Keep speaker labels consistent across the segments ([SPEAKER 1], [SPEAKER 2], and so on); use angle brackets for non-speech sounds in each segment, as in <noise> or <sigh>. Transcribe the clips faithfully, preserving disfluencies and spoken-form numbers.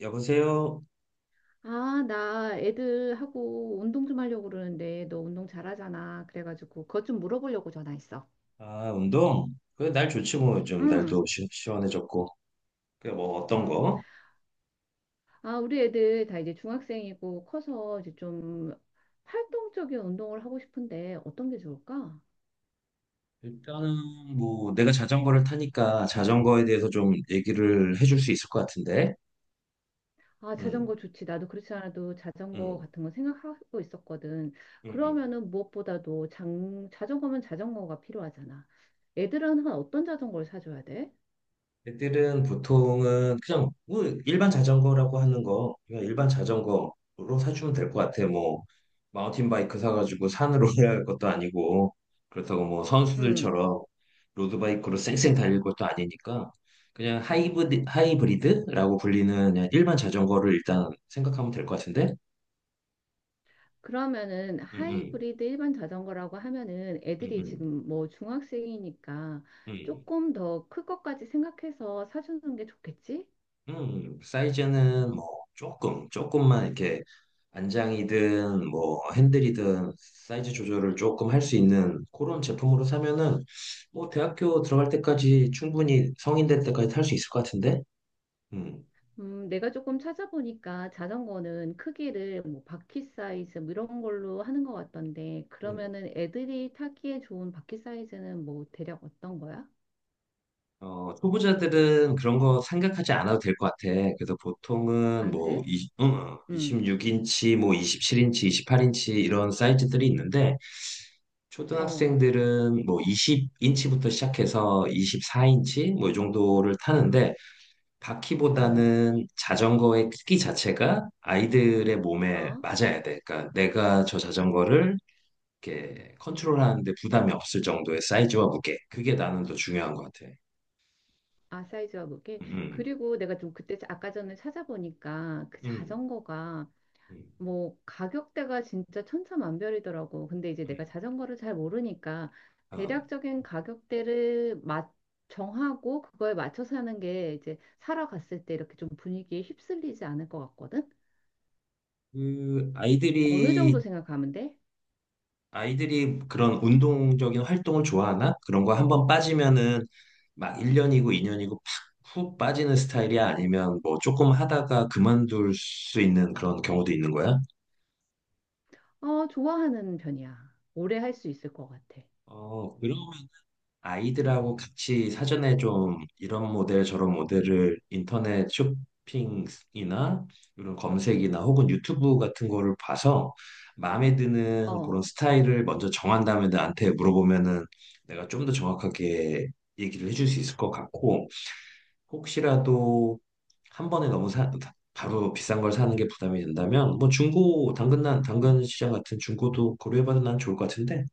[SPEAKER 1] 여보세요?
[SPEAKER 2] 아, 나 애들하고 운동 좀 하려고 그러는데 너 운동 잘하잖아. 그래가지고 그것 좀 물어보려고 전화했어.
[SPEAKER 1] 아, 운동? 그래, 날 좋지 뭐, 요즘
[SPEAKER 2] 응,
[SPEAKER 1] 날도 시, 시원해졌고. 그래, 뭐, 어떤
[SPEAKER 2] 음.
[SPEAKER 1] 거?
[SPEAKER 2] 아, 우리 애들 다 이제 중학생이고 커서 이제 좀 활동적인 운동을 하고 싶은데 어떤 게 좋을까?
[SPEAKER 1] 일단은 뭐, 내가 자전거를 타니까 자전거에 대해서 좀 얘기를 해줄 수 있을 것 같은데.
[SPEAKER 2] 아,
[SPEAKER 1] 응,
[SPEAKER 2] 자전거 좋지. 나도 그렇지 않아도 자전거
[SPEAKER 1] 응,
[SPEAKER 2] 같은 거 생각하고 있었거든.
[SPEAKER 1] 응, 응.
[SPEAKER 2] 그러면은 무엇보다도 장, 자전거면 자전거가 필요하잖아. 애들은 어떤 자전거를 사줘야 돼?
[SPEAKER 1] 애들은 보통은 그냥 뭐 일반 자전거라고 하는 거 그냥 일반 자전거로 사주면 될 것 같아. 뭐 마운틴 바이크 사가지고 산으로 <laughs> 올라갈 것도 아니고, 그렇다고 뭐
[SPEAKER 2] 응.
[SPEAKER 1] 선수들처럼 로드바이크로 쌩쌩 달릴 것도 아니니까 그냥 하이브리, 하이브리드라고 불리는 그냥 일반 자전거를 일단 생각하면 될 것 같은데.
[SPEAKER 2] 그러면은
[SPEAKER 1] 응응,
[SPEAKER 2] 하이브리드 일반 자전거라고 하면은 애들이
[SPEAKER 1] 응응.
[SPEAKER 2] 지금 뭐 중학생이니까 조금 더 클 것까지 생각해서 사주는 게 좋겠지?
[SPEAKER 1] 음, 사이즈는 뭐 조금, 조금만 이렇게, 안장이든 뭐 핸들이든 사이즈 조절을 조금 할 수 있는 그런 제품으로 사면은 뭐 대학교 들어갈 때까지, 충분히 성인 될 때까지 탈 수 있을 것 같은데? 음.
[SPEAKER 2] 음, 내가 조금 찾아보니까 자전거는 크기를 뭐 바퀴 사이즈 뭐 이런 걸로 하는 것 같던데
[SPEAKER 1] 음.
[SPEAKER 2] 그러면은 애들이 타기에 좋은 바퀴 사이즈는 뭐 대략 어떤 거야?
[SPEAKER 1] 어, 초보자들은 그런 거 생각하지 않아도 될 것 같아. 그래서 보통은
[SPEAKER 2] 아,
[SPEAKER 1] 뭐
[SPEAKER 2] 그래?
[SPEAKER 1] 이
[SPEAKER 2] 응.
[SPEAKER 1] 이십육 인치, 뭐 이십칠 인치, 이십팔 인치 이런 사이즈들이 있는데,
[SPEAKER 2] 어,
[SPEAKER 1] 초등학생들은 뭐 이십 인치부터 시작해서 이십사 인치 뭐 이 정도를 타는데,
[SPEAKER 2] 어,
[SPEAKER 1] 바퀴보다는 자전거의 크기 자체가 아이들의 몸에
[SPEAKER 2] 어.
[SPEAKER 1] 맞아야 돼. 그러니까 내가 저 자전거를 이렇게 컨트롤하는데 부담이 없을 정도의 사이즈와 무게, 그게 나는 더 중요한 것 같아.
[SPEAKER 2] 아, 사이즈와 무게.
[SPEAKER 1] 음,
[SPEAKER 2] 그리고 내가 좀 그때 자- 아까 전에 찾아보니까 그
[SPEAKER 1] 음,
[SPEAKER 2] 자전거가
[SPEAKER 1] 음,
[SPEAKER 2] 뭐 가격대가 진짜 천차만별이더라고. 근데 이제
[SPEAKER 1] 음.
[SPEAKER 2] 내가 자전거를 잘 모르니까
[SPEAKER 1] 어,
[SPEAKER 2] 대략적인 가격대를 맞 정하고 그거에 맞춰서 하는 게 이제 사러 갔을 때 이렇게 좀 분위기에 휩쓸리지 않을 것 같거든.
[SPEAKER 1] 그
[SPEAKER 2] 어느 정도
[SPEAKER 1] 아이들이
[SPEAKER 2] 생각하면 돼?
[SPEAKER 1] 아이들이 그런 운동적인 활동을 좋아하나? 그런 거 한 번 빠지면은 막 일 년이고 이 년이고 팍 훅 빠지는 스타일이야? 아니면 뭐 조금 하다가 그만둘 수 있는 그런 경우도 있는 거야?
[SPEAKER 2] 어, 좋아하는 편이야. 오래 할 수 있을 것 같아.
[SPEAKER 1] 어, 그 아이들하고 같이 사전에 좀 이런 모델 저런 모델을 인터넷 쇼핑이나 이런 검색이나, 혹은 유튜브 같은 거를 봐서 마음에 드는 그런
[SPEAKER 2] 어,
[SPEAKER 1] 스타일을 먼저 정한 다음에 나한테 물어보면은 내가 좀 더 정확하게 얘기를 해줄 수 있을 것 같고, 혹시라도 한 번에 너무 사, 바로 비싼 걸 사는 게 부담이 된다면 뭐 중고, 당근, 난
[SPEAKER 2] 어.
[SPEAKER 1] 당근 시장 같은 중고도 고려해봐도 난 좋을 것 같은데.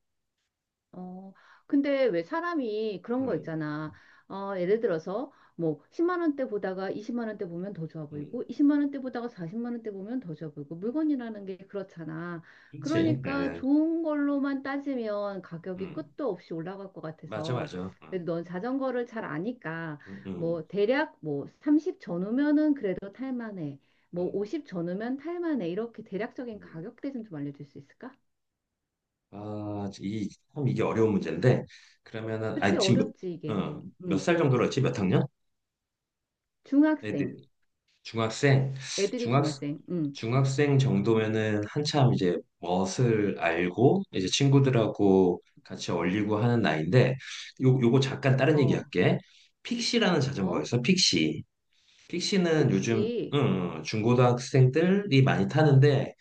[SPEAKER 2] 어, 근데 왜 사람이 그런 거
[SPEAKER 1] 음,
[SPEAKER 2] 있잖아. 어, 예를 들어서 뭐 십만 원대 보다가 이십만 원대 보면 더 좋아
[SPEAKER 1] 음,
[SPEAKER 2] 보이고 이십만 원대 보다가 사십만 원대 보면 더 좋아 보이고 물건이라는 게 그렇잖아.
[SPEAKER 1] 그렇지.
[SPEAKER 2] 그러니까
[SPEAKER 1] 음,
[SPEAKER 2] 좋은 걸로만 따지면 가격이
[SPEAKER 1] 음.
[SPEAKER 2] 끝도 없이 올라갈 것
[SPEAKER 1] 맞아,
[SPEAKER 2] 같아서
[SPEAKER 1] 맞아.
[SPEAKER 2] 그래도
[SPEAKER 1] 음,
[SPEAKER 2] 넌 자전거를 잘 아니까
[SPEAKER 1] 음,
[SPEAKER 2] 뭐 대략 뭐 삼십 전후면은 그래도 탈만해. 뭐
[SPEAKER 1] 음,
[SPEAKER 2] 오십 전후면 탈만해. 이렇게 대략적인
[SPEAKER 1] 음.
[SPEAKER 2] 가격대 좀 좀 알려줄 수 있을까?
[SPEAKER 1] 아, 이, 참 이게 어려운 문제인데. 그러면은,
[SPEAKER 2] 그치,
[SPEAKER 1] 아, 지금,
[SPEAKER 2] 어렵지,
[SPEAKER 1] 몇, 어,
[SPEAKER 2] 이게. 응.
[SPEAKER 1] 몇살 정도로 했지? 몇 학년? 애들,
[SPEAKER 2] 중학생.
[SPEAKER 1] 중학생,
[SPEAKER 2] 애들이
[SPEAKER 1] 중학,
[SPEAKER 2] 중학생. 응.
[SPEAKER 1] 중학생 정도면은 한참 이제 멋을 알고, 이제 친구들하고 같이 어울리고 하는 나이인데. 요, 요거 잠깐 다른 얘기
[SPEAKER 2] 어,
[SPEAKER 1] 할게. 픽시라는 자전거가
[SPEAKER 2] 어,
[SPEAKER 1] 있어, 픽시. 픽시는 요즘,
[SPEAKER 2] 픽시.
[SPEAKER 1] 음, 중고등학생들이 많이 타는데,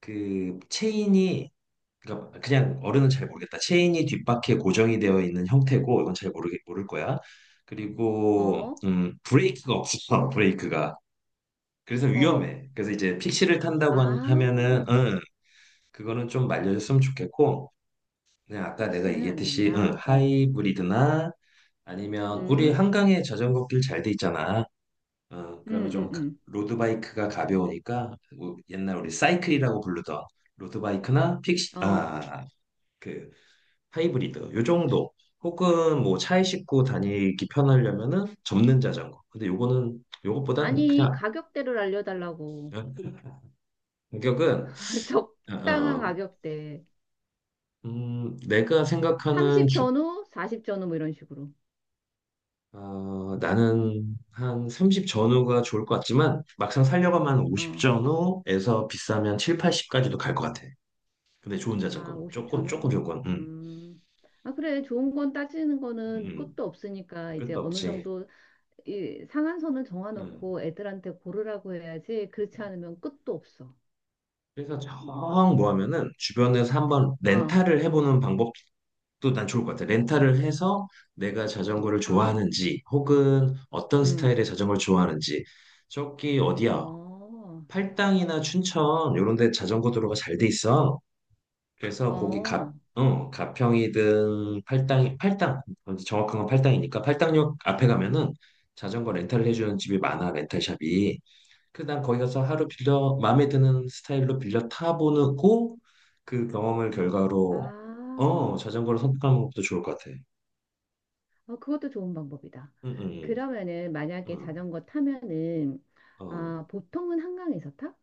[SPEAKER 1] 그, 체인이 그러니까 그냥 어른은 잘 모르겠다. 체인이 뒷바퀴에 고정이 되어 있는 형태고, 이건 잘 모르겠 모를 거야. 그리고
[SPEAKER 2] 어,
[SPEAKER 1] 음 브레이크가 없어, <laughs> 브레이크가. 그래서
[SPEAKER 2] 어.
[SPEAKER 1] 위험해. 그래서 이제 픽시를
[SPEAKER 2] 아,
[SPEAKER 1] 탄다고 한- 하면은, 응, 그거는 좀 말려줬으면 좋겠고, 그냥 아까 내가
[SPEAKER 2] 픽시는 안
[SPEAKER 1] 얘기했듯이, 응,
[SPEAKER 2] 된다. 어,
[SPEAKER 1] 하이브리드나, 아니면 우리
[SPEAKER 2] 응,
[SPEAKER 1] 한강에 자전거길 잘 돼 있잖아. 응, 그러면
[SPEAKER 2] 응,
[SPEAKER 1] 좀 가-
[SPEAKER 2] 응,
[SPEAKER 1] 로드바이크가 가벼우니까 우- 옛날 우리 사이클이라고 부르던 로드바이크나, 픽시,
[SPEAKER 2] 응.
[SPEAKER 1] 아
[SPEAKER 2] 어.
[SPEAKER 1] 아, 아, 그 하이브리드 요 정도, 혹은 뭐 차에 싣고 다니기 편하려면은 접는 자전거. 근데 요거는 요것보단
[SPEAKER 2] 아니,
[SPEAKER 1] 그냥.
[SPEAKER 2] 가격대를 알려달라고.
[SPEAKER 1] 그냥 가격은,
[SPEAKER 2] <laughs>
[SPEAKER 1] 어,
[SPEAKER 2] 적당한
[SPEAKER 1] 어,
[SPEAKER 2] 가격대.
[SPEAKER 1] 음, 내가 생각하는
[SPEAKER 2] 삼십
[SPEAKER 1] 주
[SPEAKER 2] 전후, 사십 전후, 뭐 이런 식으로.
[SPEAKER 1] 어, 나는 한 삼십 전후가 좋을 것 같지만, 막상 살려고 면오십
[SPEAKER 2] 어,
[SPEAKER 1] 전후에서 비싸면 칠, 팔십까지도 갈 것 같아. 근데 좋은
[SPEAKER 2] 아,
[SPEAKER 1] 자전거
[SPEAKER 2] 오십
[SPEAKER 1] 조금 조금
[SPEAKER 2] 전후.
[SPEAKER 1] 조금 음,
[SPEAKER 2] 음. 아, 그래. 좋은 건 따지는 거는
[SPEAKER 1] 음, 음.
[SPEAKER 2] 끝도 없으니까 이제
[SPEAKER 1] 끝도
[SPEAKER 2] 어느
[SPEAKER 1] 없지.
[SPEAKER 2] 정도 이 상한선을
[SPEAKER 1] 음.
[SPEAKER 2] 정해놓고 애들한테 고르라고 해야지 그렇지 않으면 끝도 없어.
[SPEAKER 1] 그래서 정
[SPEAKER 2] 음.
[SPEAKER 1] 뭐 하면은 주변에서 한번
[SPEAKER 2] 어,
[SPEAKER 1] 렌탈을 해보는 방법도 또 난 좋을 것 같아. 렌탈을 해서 내가 자전거를
[SPEAKER 2] 어,
[SPEAKER 1] 좋아하는지, 혹은 어떤
[SPEAKER 2] 음.
[SPEAKER 1] 스타일의 자전거를 좋아하는지. 저기 어디야?
[SPEAKER 2] 어,
[SPEAKER 1] 팔당이나 춘천, 요런 데 자전거 도로가 잘 돼 있어. 그래서 거기 가,
[SPEAKER 2] 어.
[SPEAKER 1] 어, 가평이든 팔당이 팔당, 어, 정확한 건 팔당이니까, 팔당역 앞에 가면은 자전거 렌탈을 해주는 집이 많아, 렌탈샵이. 그 난 거기 가서 하루 빌려, 마음에 드는 스타일로 빌려 타보고 그 경험을 결과로,
[SPEAKER 2] 아,
[SPEAKER 1] 어, 자전거를 선택하는 것도 좋을 것 같아.
[SPEAKER 2] 어, 그것도 좋은 방법이다.
[SPEAKER 1] 응, 응,
[SPEAKER 2] 그러면은 만약에
[SPEAKER 1] 응.
[SPEAKER 2] 자전거 타면은
[SPEAKER 1] 어, 어.
[SPEAKER 2] 아, 보통은 한강에서 타?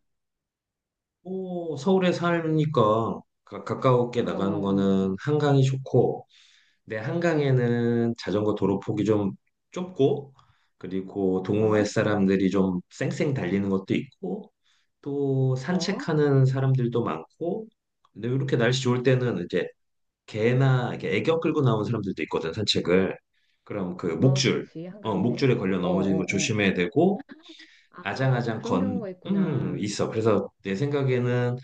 [SPEAKER 1] 뭐, 서울에 살니까 가, 가깝게
[SPEAKER 2] 어,
[SPEAKER 1] 나가는
[SPEAKER 2] 어,
[SPEAKER 1] 거는 한강이 좋고. 내
[SPEAKER 2] 어,
[SPEAKER 1] 한강에는 자전거 도로 폭이 좀 좁고, 그리고 동호회
[SPEAKER 2] 어,
[SPEAKER 1] 사람들이 좀 쌩쌩 달리는 것도 있고, 또
[SPEAKER 2] 어, 어,
[SPEAKER 1] 산책하는 사람들도 많고, 근데 이렇게 날씨 좋을 때는 이제 개나 이렇게 애견 끌고 나온 사람들도 있거든, 산책을. 그럼 그
[SPEAKER 2] 어,
[SPEAKER 1] 목줄,
[SPEAKER 2] 그치,
[SPEAKER 1] 어,
[SPEAKER 2] 한강에는.
[SPEAKER 1] 목줄에 걸려
[SPEAKER 2] 어,
[SPEAKER 1] 넘어지는 거
[SPEAKER 2] 어, 어.
[SPEAKER 1] 조심해야 되고,
[SPEAKER 2] 아,
[SPEAKER 1] 아장아장
[SPEAKER 2] 그런
[SPEAKER 1] 건,
[SPEAKER 2] 경우가
[SPEAKER 1] 음,
[SPEAKER 2] 있구나.
[SPEAKER 1] 있어. 그래서 내 생각에는,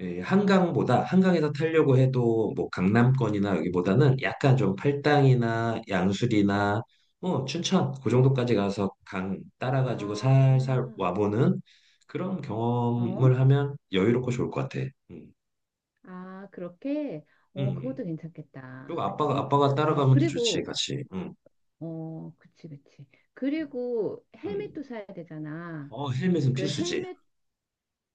[SPEAKER 1] 예, 한강보다, 한강에서 타려고 해도 뭐 강남권이나 여기보다는 약간 좀 팔당이나 양수리나, 어, 춘천, 그 정도까지 가서 강 따라가지고
[SPEAKER 2] 아,
[SPEAKER 1] 살살 와보는 그런
[SPEAKER 2] 어?
[SPEAKER 1] 경험을 하면 여유롭고 좋을 것 같아. 음,
[SPEAKER 2] 아, 그렇게? 어,
[SPEAKER 1] 음.
[SPEAKER 2] 그것도
[SPEAKER 1] 그리고
[SPEAKER 2] 괜찮겠다.
[SPEAKER 1] 아빠가,
[SPEAKER 2] 그치?
[SPEAKER 1] 아빠가
[SPEAKER 2] 어,
[SPEAKER 1] 따라가면 더 좋지,
[SPEAKER 2] 그리고,
[SPEAKER 1] 같이. 음,
[SPEAKER 2] 어, 그치, 그치.
[SPEAKER 1] 음.
[SPEAKER 2] 그리고
[SPEAKER 1] 음.
[SPEAKER 2] 헬멧도 사야 되잖아.
[SPEAKER 1] 어, 헬멧은
[SPEAKER 2] 그
[SPEAKER 1] 필수지.
[SPEAKER 2] 헬멧,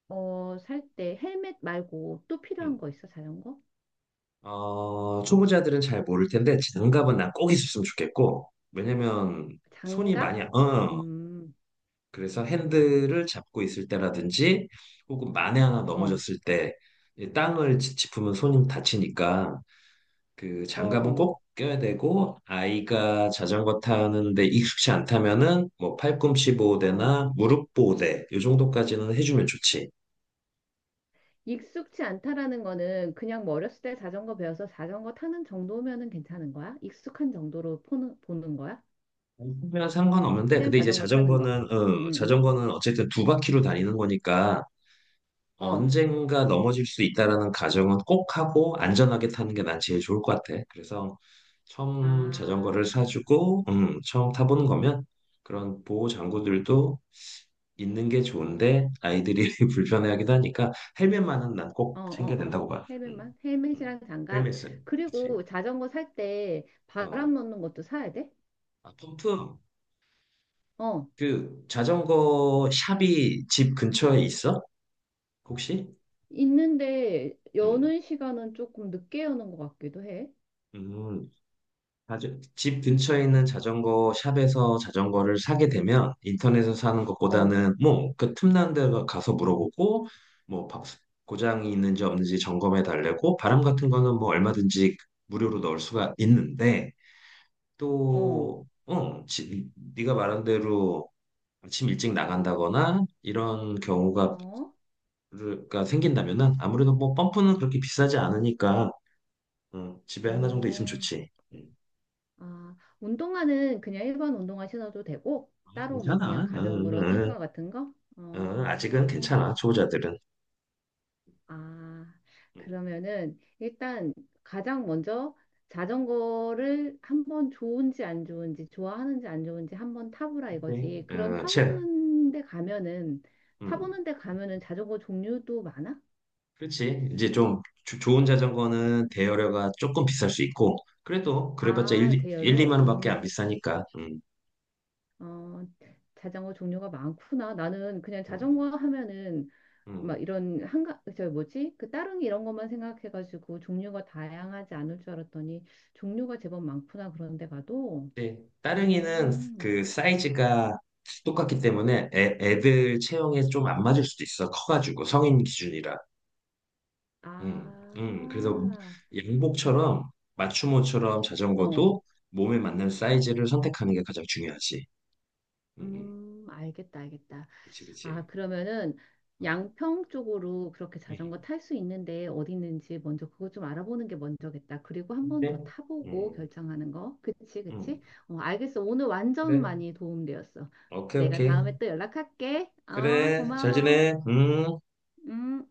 [SPEAKER 2] 어, 살 때 헬멧 말고 또 필요한
[SPEAKER 1] 음.
[SPEAKER 2] 거 있어? 자전거?
[SPEAKER 1] 어, 초보자들은 잘 모를 텐데 장갑은 난 꼭 있었으면 좋겠고, 왜냐면 손이
[SPEAKER 2] 장갑?
[SPEAKER 1] 많이, 어,
[SPEAKER 2] 음,
[SPEAKER 1] 그래서 핸들을 잡고 있을 때라든지, 혹은 만에 하나
[SPEAKER 2] 어,
[SPEAKER 1] 넘어졌을 때이 땅을 짚- 짚으면 손이 다치니까 그 장갑은
[SPEAKER 2] 어,
[SPEAKER 1] 꼭 껴야 되고, 아이가 자전거 타는데 익숙치 않다면은 뭐 팔꿈치
[SPEAKER 2] 어.
[SPEAKER 1] 보호대나 무릎 보호대, 이 정도까지는 해주면 좋지.
[SPEAKER 2] 익숙치 않다라는 거는 그냥 뭐 어렸을 때 자전거 배워서 자전거 타는 정도면은 괜찮은 거야? 익숙한 정도로 보는, 보는 거야?
[SPEAKER 1] 아니면 상관없는데,
[SPEAKER 2] 그냥
[SPEAKER 1] 근데 이제
[SPEAKER 2] 자전거 타는 거.
[SPEAKER 1] 자전거는
[SPEAKER 2] 응,
[SPEAKER 1] 어,
[SPEAKER 2] 응, 응.
[SPEAKER 1] 자전거는 어쨌든 두 바퀴로 다니는 거니까
[SPEAKER 2] 어.
[SPEAKER 1] 언젠가 넘어질 수 있다라는 가정은 꼭 하고, 안전하게 타는 게 난 제일 좋을 것 같아. 그래서
[SPEAKER 2] 아.
[SPEAKER 1] 처음 자전거를 사주고, 음, 처음 타보는 거면 그런 보호 장구들도 있는 게 좋은데, 아이들이 <laughs> 불편해하기도 하니까 헬멧만은 난
[SPEAKER 2] 어,
[SPEAKER 1] 꼭 챙겨야
[SPEAKER 2] 어, 어.
[SPEAKER 1] 된다고 봐. 음,
[SPEAKER 2] 헬멧만?
[SPEAKER 1] 음.
[SPEAKER 2] 헬멧이랑 장갑.
[SPEAKER 1] 헬멧은, 그치.
[SPEAKER 2] 그리고 자전거 살 때
[SPEAKER 1] 어,
[SPEAKER 2] 바람 넣는 것도 사야 돼?
[SPEAKER 1] 아, 펌프.
[SPEAKER 2] 어.
[SPEAKER 1] 그 자전거 샵이 집 근처에 있어? 혹시?
[SPEAKER 2] 있는데
[SPEAKER 1] 음,
[SPEAKER 2] 여는 시간은 조금 늦게 여는 것 같기도 해.
[SPEAKER 1] 음. 자주- 집 근처에 있는 자전거 샵에서 자전거를 사게 되면 인터넷에서 사는
[SPEAKER 2] 어,
[SPEAKER 1] 것보다는 뭐 그 틈난 데 가서 물어보고, 뭐 바- 고장이 있는지 없는지 점검해 달래고, 바람 같은 거는 뭐 얼마든지 무료로 넣을 수가 있는데,
[SPEAKER 2] 어,
[SPEAKER 1] 또 어, 지, 네가 말한 대로 아침 일찍 나간다거나 이런 경우가
[SPEAKER 2] 어,
[SPEAKER 1] 가 생긴다면은, 아무래도 뭐 펌프는 그렇게 비싸지 않으니까, 어, 집에 하나 정도 있으면
[SPEAKER 2] 어.
[SPEAKER 1] 좋지. 음,
[SPEAKER 2] 아, 운동화는 그냥 일반 운동화 신어도 되고, 따로 뭐 그냥
[SPEAKER 1] 괜찮아. 응,
[SPEAKER 2] 가벼운 거
[SPEAKER 1] 응, 응.
[SPEAKER 2] 러닝화 같은 거?
[SPEAKER 1] 어, 아직은
[SPEAKER 2] 어.
[SPEAKER 1] 괜찮아, 초보자들은.
[SPEAKER 2] 아,
[SPEAKER 1] 음,
[SPEAKER 2] 그러면은 일단 가장 먼저 자전거를 한번 좋은지 안 좋은지, 좋아하는지 안 좋은지 한번 타보라
[SPEAKER 1] 근데,
[SPEAKER 2] 이거지. 그런
[SPEAKER 1] 어, 채,
[SPEAKER 2] 타보는 데 가면은,
[SPEAKER 1] 음,
[SPEAKER 2] 타보는 데 가면은 자전거 종류도 많아?
[SPEAKER 1] 그렇지. 이제 좀 조- 좋은 자전거는 대여료가 조금 비쌀 수 있고, 그래도 그래봤자
[SPEAKER 2] 아,
[SPEAKER 1] 1, 일,
[SPEAKER 2] 대여로?
[SPEAKER 1] 이만 원밖에 안
[SPEAKER 2] 음,
[SPEAKER 1] 비싸니까. 음,
[SPEAKER 2] 어, 자전거 종류가 많구나. 나는 그냥
[SPEAKER 1] 음,
[SPEAKER 2] 자전거 하면은
[SPEAKER 1] 음.
[SPEAKER 2] 막 이런 한가, 저 뭐지? 그 따릉이 이런 것만 생각해가지고 종류가 다양하지 않을 줄 알았더니 종류가 제법 많구나. 그런 데 가도.
[SPEAKER 1] 근데 따릉이는
[SPEAKER 2] 음,
[SPEAKER 1] 그 사이즈가 똑같기 때문에 애, 애들 체형에 좀 안 맞을 수도 있어. 커가지고, 성인 기준이라. 음, 음. 그래서
[SPEAKER 2] 아,
[SPEAKER 1] 양복처럼, 맞춤옷처럼
[SPEAKER 2] 어,
[SPEAKER 1] 자전거도 몸에 맞는 사이즈를 선택하는 게 가장 중요하지. 음, 음.
[SPEAKER 2] 음, 알겠다, 알겠다.
[SPEAKER 1] 그치,
[SPEAKER 2] 아,
[SPEAKER 1] 그치.
[SPEAKER 2] 그러면은
[SPEAKER 1] 어.
[SPEAKER 2] 양평 쪽으로 그렇게 자전거
[SPEAKER 1] 음.
[SPEAKER 2] 탈 수 있는데 어디 있는지 먼저 그거 좀 알아보는 게 먼저겠다. 그리고 한번 더
[SPEAKER 1] 네.
[SPEAKER 2] 타보고
[SPEAKER 1] 음,
[SPEAKER 2] 결정하는 거. 그치,
[SPEAKER 1] 음.
[SPEAKER 2] 그치? 어, 알겠어. 오늘 완전
[SPEAKER 1] 그래.
[SPEAKER 2] 많이 도움되었어.
[SPEAKER 1] 오케이,
[SPEAKER 2] 내가
[SPEAKER 1] 오케이.
[SPEAKER 2] 다음에 또 연락할게. 어,
[SPEAKER 1] 그래, 잘
[SPEAKER 2] 고마워.
[SPEAKER 1] 지내. 음.
[SPEAKER 2] 음.